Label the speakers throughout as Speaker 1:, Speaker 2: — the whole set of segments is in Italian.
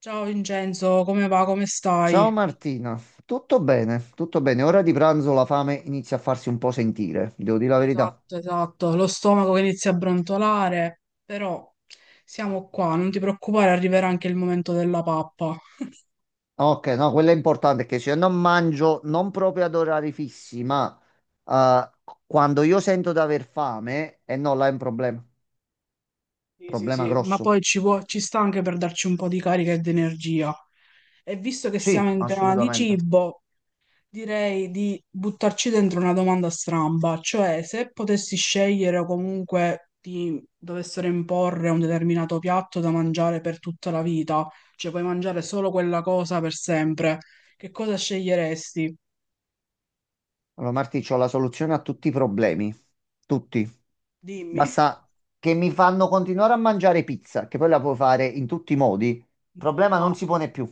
Speaker 1: Ciao Vincenzo, come va? Come stai?
Speaker 2: Ciao Martina, tutto bene, tutto bene. Ora di pranzo la fame inizia a farsi un po' sentire, vi devo dire la verità.
Speaker 1: Esatto, esatto, lo stomaco che inizia a brontolare, però siamo qua, non ti preoccupare, arriverà anche il momento della pappa.
Speaker 2: Ok, no, quello è importante, che se io non mangio, non proprio ad orari fissi, ma eh, quando io sento di aver fame, e no, là è un problema,
Speaker 1: Sì, sì,
Speaker 2: problema
Speaker 1: sì, ma
Speaker 2: grosso.
Speaker 1: poi ci sta anche per darci un po' di carica e di energia. E visto che siamo
Speaker 2: Sì,
Speaker 1: in tema di
Speaker 2: assolutamente.
Speaker 1: cibo, direi di buttarci dentro una domanda stramba, cioè se potessi scegliere o comunque ti dovessero imporre un determinato piatto da mangiare per tutta la vita, cioè puoi mangiare solo quella cosa per sempre, che cosa sceglieresti?
Speaker 2: Allora Marti, c'ho la soluzione a tutti i problemi, tutti.
Speaker 1: Dimmi.
Speaker 2: Basta che mi fanno continuare a mangiare pizza, che poi la puoi fare in tutti i modi, il problema non
Speaker 1: No,
Speaker 2: si pone più.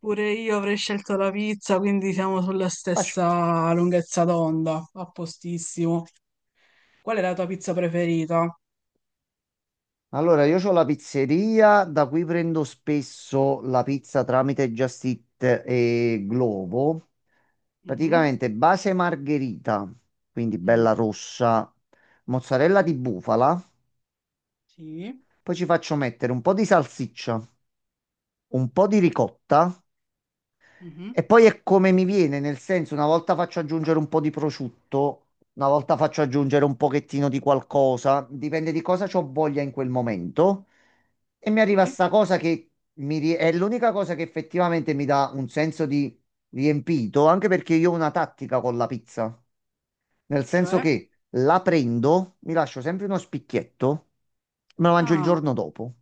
Speaker 1: pure io avrei scelto la pizza, quindi siamo sulla
Speaker 2: Facile.
Speaker 1: stessa lunghezza d'onda, a postissimo. Qual è la tua pizza preferita?
Speaker 2: Allora, io ho la pizzeria da cui prendo spesso la pizza tramite Just Eat e Glovo.
Speaker 1: Mhm.
Speaker 2: Praticamente base margherita, quindi bella
Speaker 1: Mm.
Speaker 2: rossa, mozzarella di bufala,
Speaker 1: Sì.
Speaker 2: poi ci faccio mettere un po' di salsiccia, un po' di ricotta.
Speaker 1: Mhm.
Speaker 2: E poi è come mi viene, nel senso, una volta faccio aggiungere un po' di prosciutto, una volta faccio aggiungere un pochettino di qualcosa, dipende di cosa ho voglia in quel momento. E mi arriva
Speaker 1: Sì.
Speaker 2: sta cosa che è l'unica cosa che effettivamente mi dà un senso di riempito, anche perché io ho una tattica con la pizza, nel senso
Speaker 1: Cioè?
Speaker 2: che la prendo, mi lascio sempre uno spicchietto, me lo mangio il
Speaker 1: Ah.
Speaker 2: giorno dopo,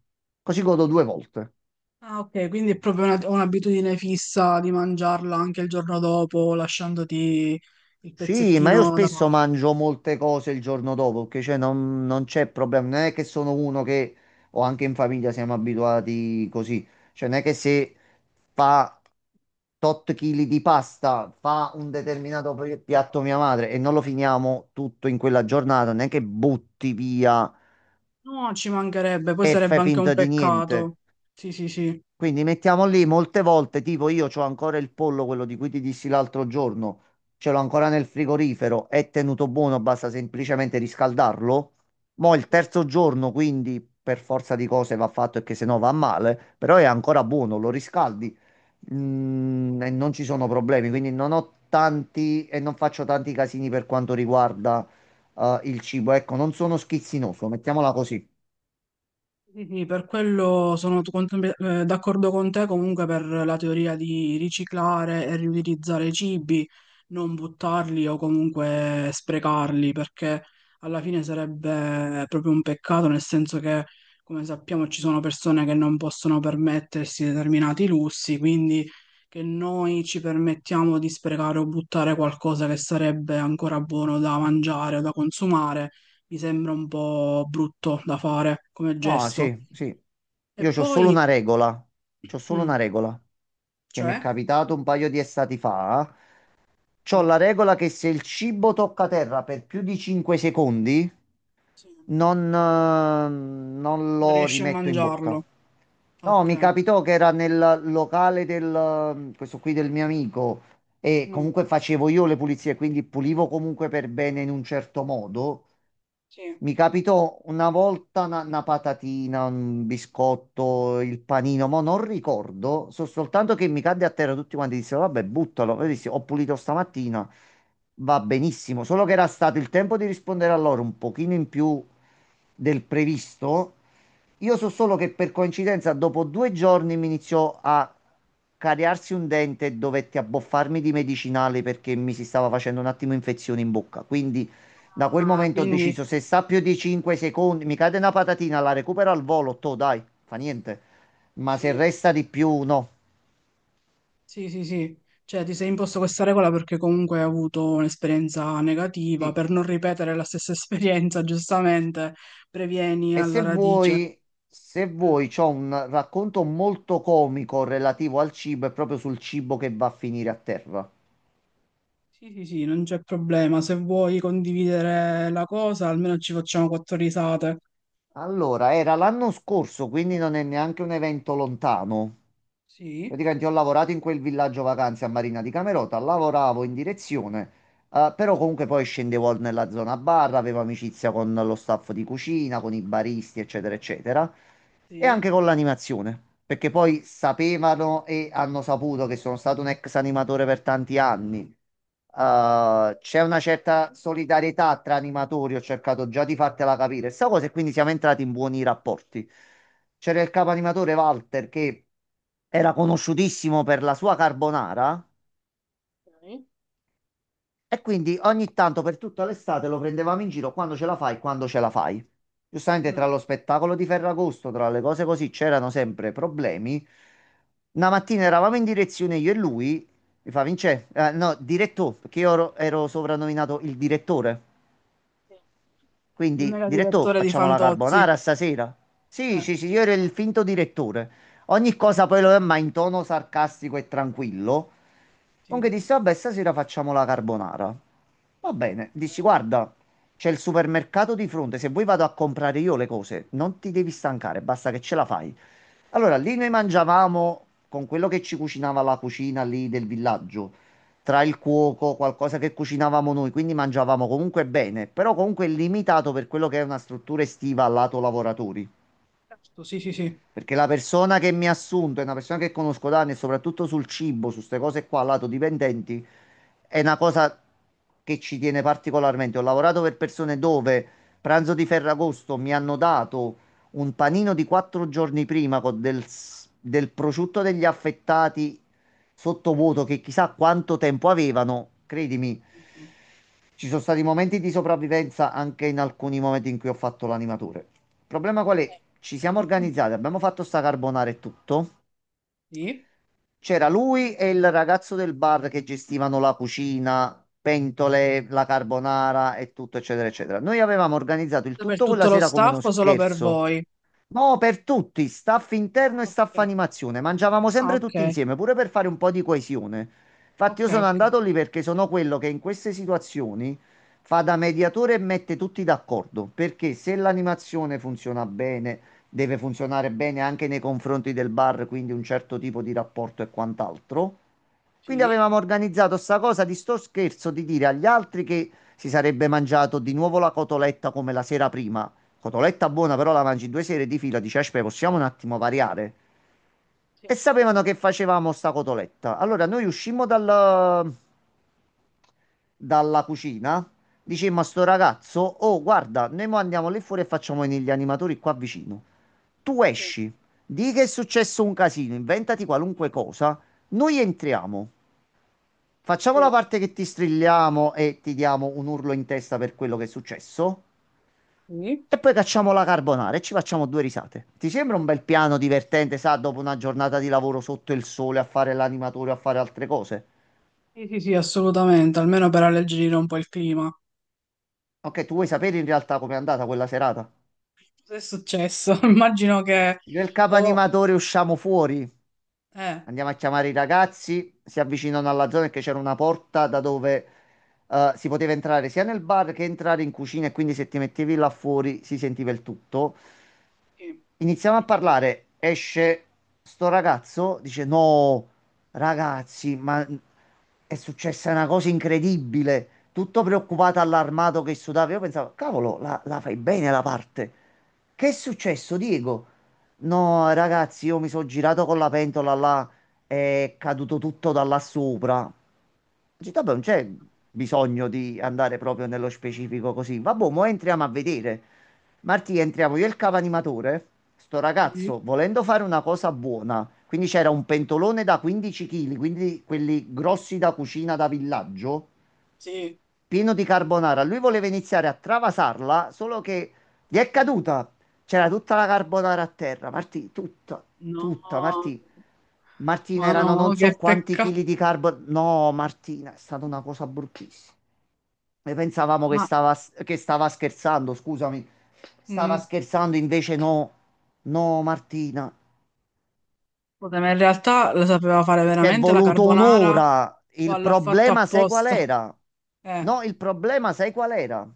Speaker 2: così godo due volte.
Speaker 1: Ah, ok, quindi è proprio un'abitudine fissa di mangiarla anche il giorno dopo, lasciandoti il
Speaker 2: Sì, ma io
Speaker 1: pezzettino da
Speaker 2: spesso
Speaker 1: parte.
Speaker 2: mangio molte cose il giorno dopo, perché cioè non c'è problema, non è che sono uno che, o anche in famiglia siamo abituati così, cioè non è che se fa tot chili di pasta, fa un determinato piatto mia madre e non lo finiamo tutto in quella giornata, non è che butti via
Speaker 1: No, ci mancherebbe, poi
Speaker 2: e
Speaker 1: sarebbe
Speaker 2: fai
Speaker 1: anche un
Speaker 2: finta di niente.
Speaker 1: peccato. Sì, sì, sì.
Speaker 2: Quindi mettiamo lì molte volte, tipo io ho ancora il pollo, quello di cui ti dissi l'altro giorno, ce l'ho ancora nel frigorifero, è tenuto buono, basta semplicemente riscaldarlo. Mo' il
Speaker 1: Sì.
Speaker 2: terzo giorno, quindi per forza di cose va fatto e che se no va male, però è ancora buono, lo riscaldi, e non ci sono problemi, quindi non ho tanti e non faccio tanti casini per quanto riguarda, il cibo. Ecco, non sono schizzinoso, mettiamola così.
Speaker 1: Sì, sì, per quello d'accordo con te comunque per la teoria di riciclare e riutilizzare i cibi, non buttarli o comunque sprecarli, perché alla fine sarebbe proprio un peccato, nel senso che, come sappiamo, ci sono persone che non possono permettersi determinati lussi, quindi che noi ci permettiamo di sprecare o buttare qualcosa che sarebbe ancora buono da mangiare o da consumare mi sembra un po' brutto da fare come
Speaker 2: No,
Speaker 1: gesto.
Speaker 2: sì, sì.
Speaker 1: E
Speaker 2: Io c'ho
Speaker 1: poi,
Speaker 2: solo una regola. C'ho solo una
Speaker 1: mm,
Speaker 2: regola che mi è
Speaker 1: cioè,
Speaker 2: capitato un paio di estati fa. C'ho
Speaker 1: sì,
Speaker 2: la regola che se il cibo tocca terra per più di 5 secondi,
Speaker 1: sì,
Speaker 2: non
Speaker 1: non
Speaker 2: lo
Speaker 1: riesci a
Speaker 2: rimetto in bocca.
Speaker 1: mangiarlo.
Speaker 2: No, mi
Speaker 1: Ok,
Speaker 2: capitò che era nel locale del, questo qui del mio amico e
Speaker 1: mm,
Speaker 2: comunque facevo io le pulizie, quindi pulivo comunque per bene in un certo modo.
Speaker 1: sì.
Speaker 2: Mi capitò una volta una patatina, un biscotto, il panino, ma non ricordo, so soltanto che mi cadde a terra. Tutti quanti dissero, vabbè, buttalo. Io dissi, ho pulito stamattina, va benissimo, solo che era stato il tempo di rispondere a loro un pochino in più del previsto. Io so solo che per coincidenza dopo 2 giorni mi iniziò a cariarsi un dente e dovetti abboffarmi di medicinali perché mi si stava facendo un attimo infezione in bocca. Quindi da quel
Speaker 1: Ah,
Speaker 2: momento ho
Speaker 1: quindi,
Speaker 2: deciso, se sta più di 5 secondi, mi cade una patatina, la recupero al volo, to, dai, fa niente. Ma se
Speaker 1: sì,
Speaker 2: resta di più, no.
Speaker 1: sì, sì, sì. Cioè, ti sei imposto questa regola perché comunque hai avuto un'esperienza negativa,
Speaker 2: Sì.
Speaker 1: per non ripetere la stessa esperienza, giustamente, previeni
Speaker 2: E
Speaker 1: alla
Speaker 2: se vuoi,
Speaker 1: radice.
Speaker 2: se
Speaker 1: Eh,
Speaker 2: vuoi, c'ho un racconto molto comico relativo al cibo e proprio sul cibo che va a finire a terra.
Speaker 1: Sì, sì, sì, non c'è problema. Se vuoi condividere la cosa, almeno ci facciamo quattro risate.
Speaker 2: Allora, era l'anno scorso, quindi non è neanche un evento lontano.
Speaker 1: Sì.
Speaker 2: Praticamente ho lavorato in quel villaggio vacanze a Marina di Camerota, lavoravo in direzione, però
Speaker 1: Sì.
Speaker 2: comunque poi scendevo nella zona bar, avevo amicizia con lo staff di cucina, con i baristi, eccetera, eccetera. E
Speaker 1: Sì.
Speaker 2: anche con l'animazione, perché poi sapevano e hanno saputo che sono stato un ex animatore per tanti anni. C'è una certa solidarietà tra animatori, ho cercato già di fartela capire sta cosa, e quindi siamo entrati in buoni rapporti. C'era il capo animatore Walter che era conosciutissimo per la sua carbonara,
Speaker 1: Ok.
Speaker 2: e quindi ogni tanto per tutta l'estate lo prendevamo in giro: quando ce la fai, quando ce la fai. Giustamente tra
Speaker 1: Mm.
Speaker 2: lo spettacolo di Ferragosto, tra le cose così, c'erano sempre problemi. Una mattina eravamo in direzione io e lui, mi fa: Vince, no, direttore, perché io ero soprannominato il direttore.
Speaker 1: Sì. Il
Speaker 2: Quindi,
Speaker 1: mega
Speaker 2: direttore,
Speaker 1: direttore di
Speaker 2: facciamo la
Speaker 1: Fantozzi.
Speaker 2: carbonara stasera. Sì,
Speaker 1: Eh,
Speaker 2: sì, sì, io ero il finto direttore. Ogni
Speaker 1: sì,
Speaker 2: cosa poi lo è, ma in tono sarcastico e tranquillo.
Speaker 1: sì.
Speaker 2: Comunque dissi, vabbè, stasera facciamo la carbonara. Va bene,
Speaker 1: Ok.
Speaker 2: dici, guarda, c'è il supermercato di fronte, se vuoi vado a comprare io le cose, non ti devi stancare, basta che ce la fai. Allora, lì noi mangiavamo con quello che ci cucinava la cucina lì del villaggio, tra il cuoco, qualcosa che cucinavamo noi, quindi mangiavamo comunque bene, però comunque limitato per quello che è una struttura estiva al lato lavoratori.
Speaker 1: Giusto. Sì, sì, sì.
Speaker 2: Perché la persona che mi ha assunto è una persona che conosco da anni e soprattutto sul cibo, su queste cose qua, al lato dipendenti, è una cosa che ci tiene particolarmente. Ho lavorato per persone dove pranzo di Ferragosto mi hanno dato un panino di 4 giorni prima, con del, del prosciutto degli affettati sottovuoto che chissà quanto tempo avevano. Credimi,
Speaker 1: Mm.
Speaker 2: ci sono stati momenti di sopravvivenza anche in alcuni momenti in cui ho fatto l'animatore. Il problema qual è?
Speaker 1: Lei.
Speaker 2: Ci siamo organizzati, abbiamo fatto sta carbonara e tutto.
Speaker 1: Sì.
Speaker 2: C'era lui e il ragazzo del bar che gestivano la cucina, pentole, la carbonara e tutto, eccetera, eccetera. Noi avevamo organizzato il
Speaker 1: Per
Speaker 2: tutto quella
Speaker 1: tutto lo
Speaker 2: sera come uno
Speaker 1: staff o solo per
Speaker 2: scherzo.
Speaker 1: voi?
Speaker 2: No, per tutti, staff
Speaker 1: Ah,
Speaker 2: interno e staff
Speaker 1: ok.
Speaker 2: animazione. Mangiavamo
Speaker 1: Ah,
Speaker 2: sempre tutti
Speaker 1: ok.
Speaker 2: insieme, pure per fare un po' di coesione. Infatti
Speaker 1: Ok,
Speaker 2: io sono
Speaker 1: ok.
Speaker 2: andato lì perché sono quello che in queste situazioni fa da mediatore e mette tutti d'accordo, perché se l'animazione funziona bene, deve funzionare bene anche nei confronti del bar, quindi un certo tipo di rapporto e quant'altro. Quindi
Speaker 1: Sì.
Speaker 2: avevamo organizzato sta cosa di sto scherzo di dire agli altri che si sarebbe mangiato di nuovo la cotoletta come la sera prima. Cotoletta buona, però la mangi in due sere di fila, dici, aspetta, possiamo un attimo variare?
Speaker 1: Sì.
Speaker 2: E sapevano che facevamo sta cotoletta. Allora noi uscimmo dalla cucina, dicemmo a sto ragazzo: oh guarda, noi mo andiamo lì fuori e facciamo venire gli animatori qua vicino. Tu
Speaker 1: Sì,
Speaker 2: esci, di che è successo un casino, inventati qualunque cosa, noi entriamo, facciamo la
Speaker 1: sì,
Speaker 2: parte che ti strilliamo e ti diamo un urlo in testa per quello che è successo.
Speaker 1: sì.
Speaker 2: E poi cacciamo la carbonara e ci facciamo due risate. Ti sembra un bel piano divertente, sa, dopo una giornata di lavoro sotto il sole a fare l'animatore, a fare altre cose?
Speaker 1: Sì, sì, sì, assolutamente, almeno per alleggerire un po' il clima.
Speaker 2: Ok, tu vuoi sapere in realtà com'è andata quella serata?
Speaker 1: Cosa è successo? Immagino che...
Speaker 2: Io e il capo
Speaker 1: o
Speaker 2: animatore usciamo fuori,
Speaker 1: eh,
Speaker 2: andiamo a chiamare i ragazzi, si avvicinano alla zona che c'era una porta da dove si poteva entrare sia nel bar che entrare in cucina, e quindi se ti mettevi là fuori si sentiva il tutto.
Speaker 1: sì,
Speaker 2: Iniziamo a parlare. Esce sto ragazzo, dice: No, ragazzi, ma è successa una cosa incredibile. Tutto preoccupato, allarmato, che sudava. Io pensavo: cavolo, la fai bene la parte. Che è successo, Diego? No, ragazzi, io mi sono girato con la pentola là. È caduto tutto da là sopra. Ho detto: vabbè, non c'è bisogno di andare proprio nello specifico così. Vabbè, mo entriamo a vedere. Martì, entriamo io e il capo animatore. Sto
Speaker 1: sì,
Speaker 2: ragazzo, volendo fare una cosa buona, quindi c'era un pentolone da 15 kg, quindi quelli grossi da cucina da villaggio,
Speaker 1: sì.
Speaker 2: pieno di carbonara. Lui voleva iniziare a travasarla, solo che gli è caduta. C'era tutta la carbonara a terra, Martì, tutta,
Speaker 1: No.
Speaker 2: tutta, Martì. Martina,
Speaker 1: Ma
Speaker 2: erano
Speaker 1: no,
Speaker 2: non so
Speaker 1: che
Speaker 2: quanti
Speaker 1: peccato.
Speaker 2: chili di carbonara. No, Martina, è stata una cosa bruttissima. Noi pensavamo
Speaker 1: Ma
Speaker 2: che stava scherzando, scusami. Stava
Speaker 1: mm,
Speaker 2: scherzando, invece no. No, Martina.
Speaker 1: vabbè, ma in realtà la sapeva fare
Speaker 2: Ci è
Speaker 1: veramente la
Speaker 2: voluto
Speaker 1: carbonara
Speaker 2: un'ora.
Speaker 1: o
Speaker 2: Il
Speaker 1: l'ha fatta
Speaker 2: problema, sai qual
Speaker 1: apposta?
Speaker 2: era?
Speaker 1: Eh,
Speaker 2: No, il problema, sai qual era?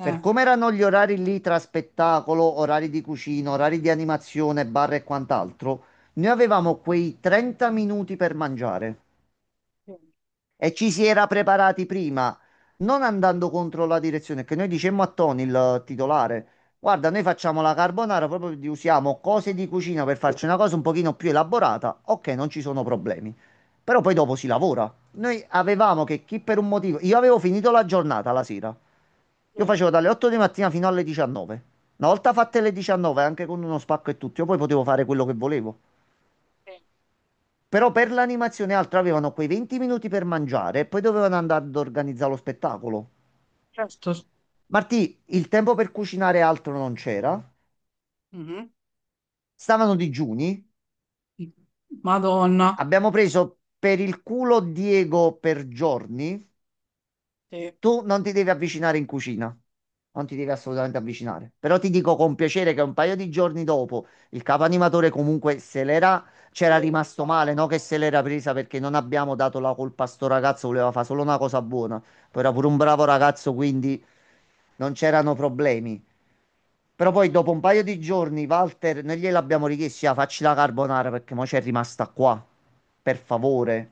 Speaker 2: Per
Speaker 1: eh.
Speaker 2: come erano gli orari lì tra spettacolo, orari di cucina, orari di animazione, bar e quant'altro, noi avevamo quei 30 minuti per mangiare
Speaker 1: Sì,
Speaker 2: e ci si era preparati prima, non andando contro la direzione, che noi dicemmo a Tony, il titolare: guarda, noi facciamo la carbonara, proprio usiamo cose di cucina per farci una cosa un pochino più elaborata, ok, non ci sono problemi. Però poi dopo si lavora. Noi avevamo che chi per un motivo, io avevo finito la giornata la sera, io
Speaker 1: sì,
Speaker 2: facevo dalle 8 di mattina fino alle 19. Una volta fatte le 19, anche con uno spacco e tutto, io poi potevo fare quello che volevo.
Speaker 1: sì.
Speaker 2: Però per l'animazione e altro avevano quei 20 minuti per mangiare e poi dovevano andare ad organizzare lo spettacolo.
Speaker 1: Certo.
Speaker 2: Martì, il tempo per cucinare e altro non c'era.
Speaker 1: Mhm.
Speaker 2: Stavano digiuni.
Speaker 1: Madonna.
Speaker 2: Abbiamo preso per il culo Diego per giorni.
Speaker 1: Sì.
Speaker 2: Tu non ti devi avvicinare in cucina, non ti devi assolutamente avvicinare. Però ti dico con piacere che un paio di giorni dopo il capo animatore comunque se l'era, c'era rimasto male, no? Che se l'era presa perché non abbiamo dato la colpa a sto ragazzo, voleva fare solo una cosa buona. Poi era pure un bravo ragazzo, quindi non c'erano problemi. Però poi dopo un paio di giorni, Walter, noi gliel'abbiamo richiesto: ah, facci la carbonara perché mo c'è rimasta qua, per favore.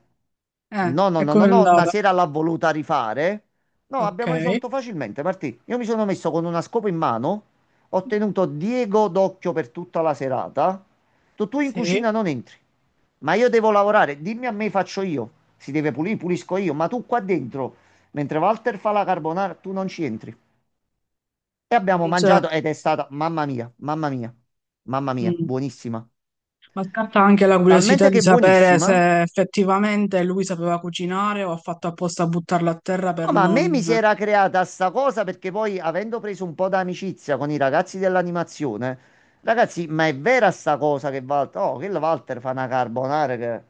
Speaker 2: No, no,
Speaker 1: E
Speaker 2: no, no,
Speaker 1: come è
Speaker 2: no, una
Speaker 1: andata?
Speaker 2: sera l'ha voluta rifare. No,
Speaker 1: Ok.
Speaker 2: abbiamo risolto facilmente, Martì. Io mi sono messo con una scopa in mano, ho tenuto Diego d'occhio per tutta la serata. Tu in
Speaker 1: Sì.
Speaker 2: cucina non entri, ma io devo lavorare. Dimmi a me, faccio io. Si deve pulire, pulisco io, ma tu qua dentro, mentre Walter fa la carbonara, tu non ci entri. E abbiamo
Speaker 1: Non c'è.
Speaker 2: mangiato ed è stata, mamma mia, mamma mia, mamma mia,
Speaker 1: Mm.
Speaker 2: buonissima.
Speaker 1: Ma scatta anche la
Speaker 2: Talmente
Speaker 1: curiosità di
Speaker 2: che
Speaker 1: sapere
Speaker 2: buonissima.
Speaker 1: se effettivamente lui sapeva cucinare o ha fatto apposta a buttarla a terra
Speaker 2: No,
Speaker 1: per
Speaker 2: ma a me mi si
Speaker 1: non...
Speaker 2: era creata sta cosa perché poi avendo preso un po' d'amicizia con i ragazzi dell'animazione, ragazzi, ma è vera sta cosa che Walter, oh, che il Walter fa una carbonara che...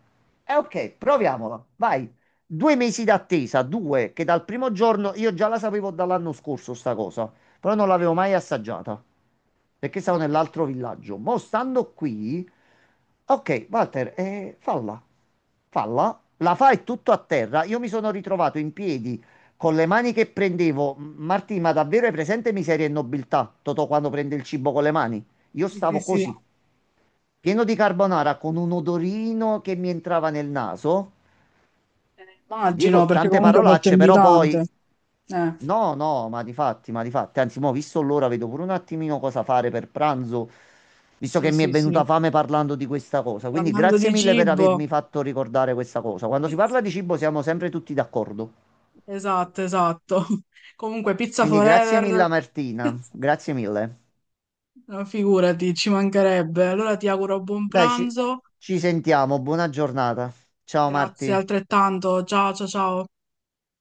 Speaker 2: Eh ok, proviamola, vai. 2 mesi d'attesa, due, che dal primo giorno io già la sapevo dall'anno scorso sta cosa, però non
Speaker 1: Sì.
Speaker 2: l'avevo mai assaggiata perché stavo
Speaker 1: Ok.
Speaker 2: nell'altro villaggio. Mo' stando qui, ok, Walter, falla. Falla, la fa e tutto a terra. Io mi sono ritrovato in piedi con le mani che prendevo. Martì, ma davvero hai presente Miseria e nobiltà? Totò quando prende il cibo con le mani. Io
Speaker 1: Sì, sì,
Speaker 2: stavo
Speaker 1: sì.
Speaker 2: così, pieno di carbonara, con un odorino che mi entrava nel naso.
Speaker 1: Immagino,
Speaker 2: Dico
Speaker 1: perché
Speaker 2: tante
Speaker 1: comunque è molto
Speaker 2: parolacce, però poi...
Speaker 1: invitante. Eh,
Speaker 2: No, no, ma di fatti, ma di fatti. Anzi, mo, visto l'ora, vedo pure un attimino cosa fare per pranzo, visto che
Speaker 1: sì,
Speaker 2: mi è
Speaker 1: sì, sì.
Speaker 2: venuta fame parlando di questa cosa. Quindi
Speaker 1: Parlando
Speaker 2: grazie
Speaker 1: di
Speaker 2: mille per
Speaker 1: cibo,
Speaker 2: avermi fatto ricordare questa cosa. Quando si parla di cibo siamo sempre tutti d'accordo.
Speaker 1: esatto, esatto. Comunque, pizza
Speaker 2: Quindi grazie mille
Speaker 1: forever,
Speaker 2: a Martina, grazie mille.
Speaker 1: no, figurati, ci mancherebbe. Allora ti auguro buon
Speaker 2: Dai,
Speaker 1: pranzo,
Speaker 2: ci sentiamo, buona giornata. Ciao
Speaker 1: grazie
Speaker 2: Marti.
Speaker 1: altrettanto. Ciao, ciao, ciao.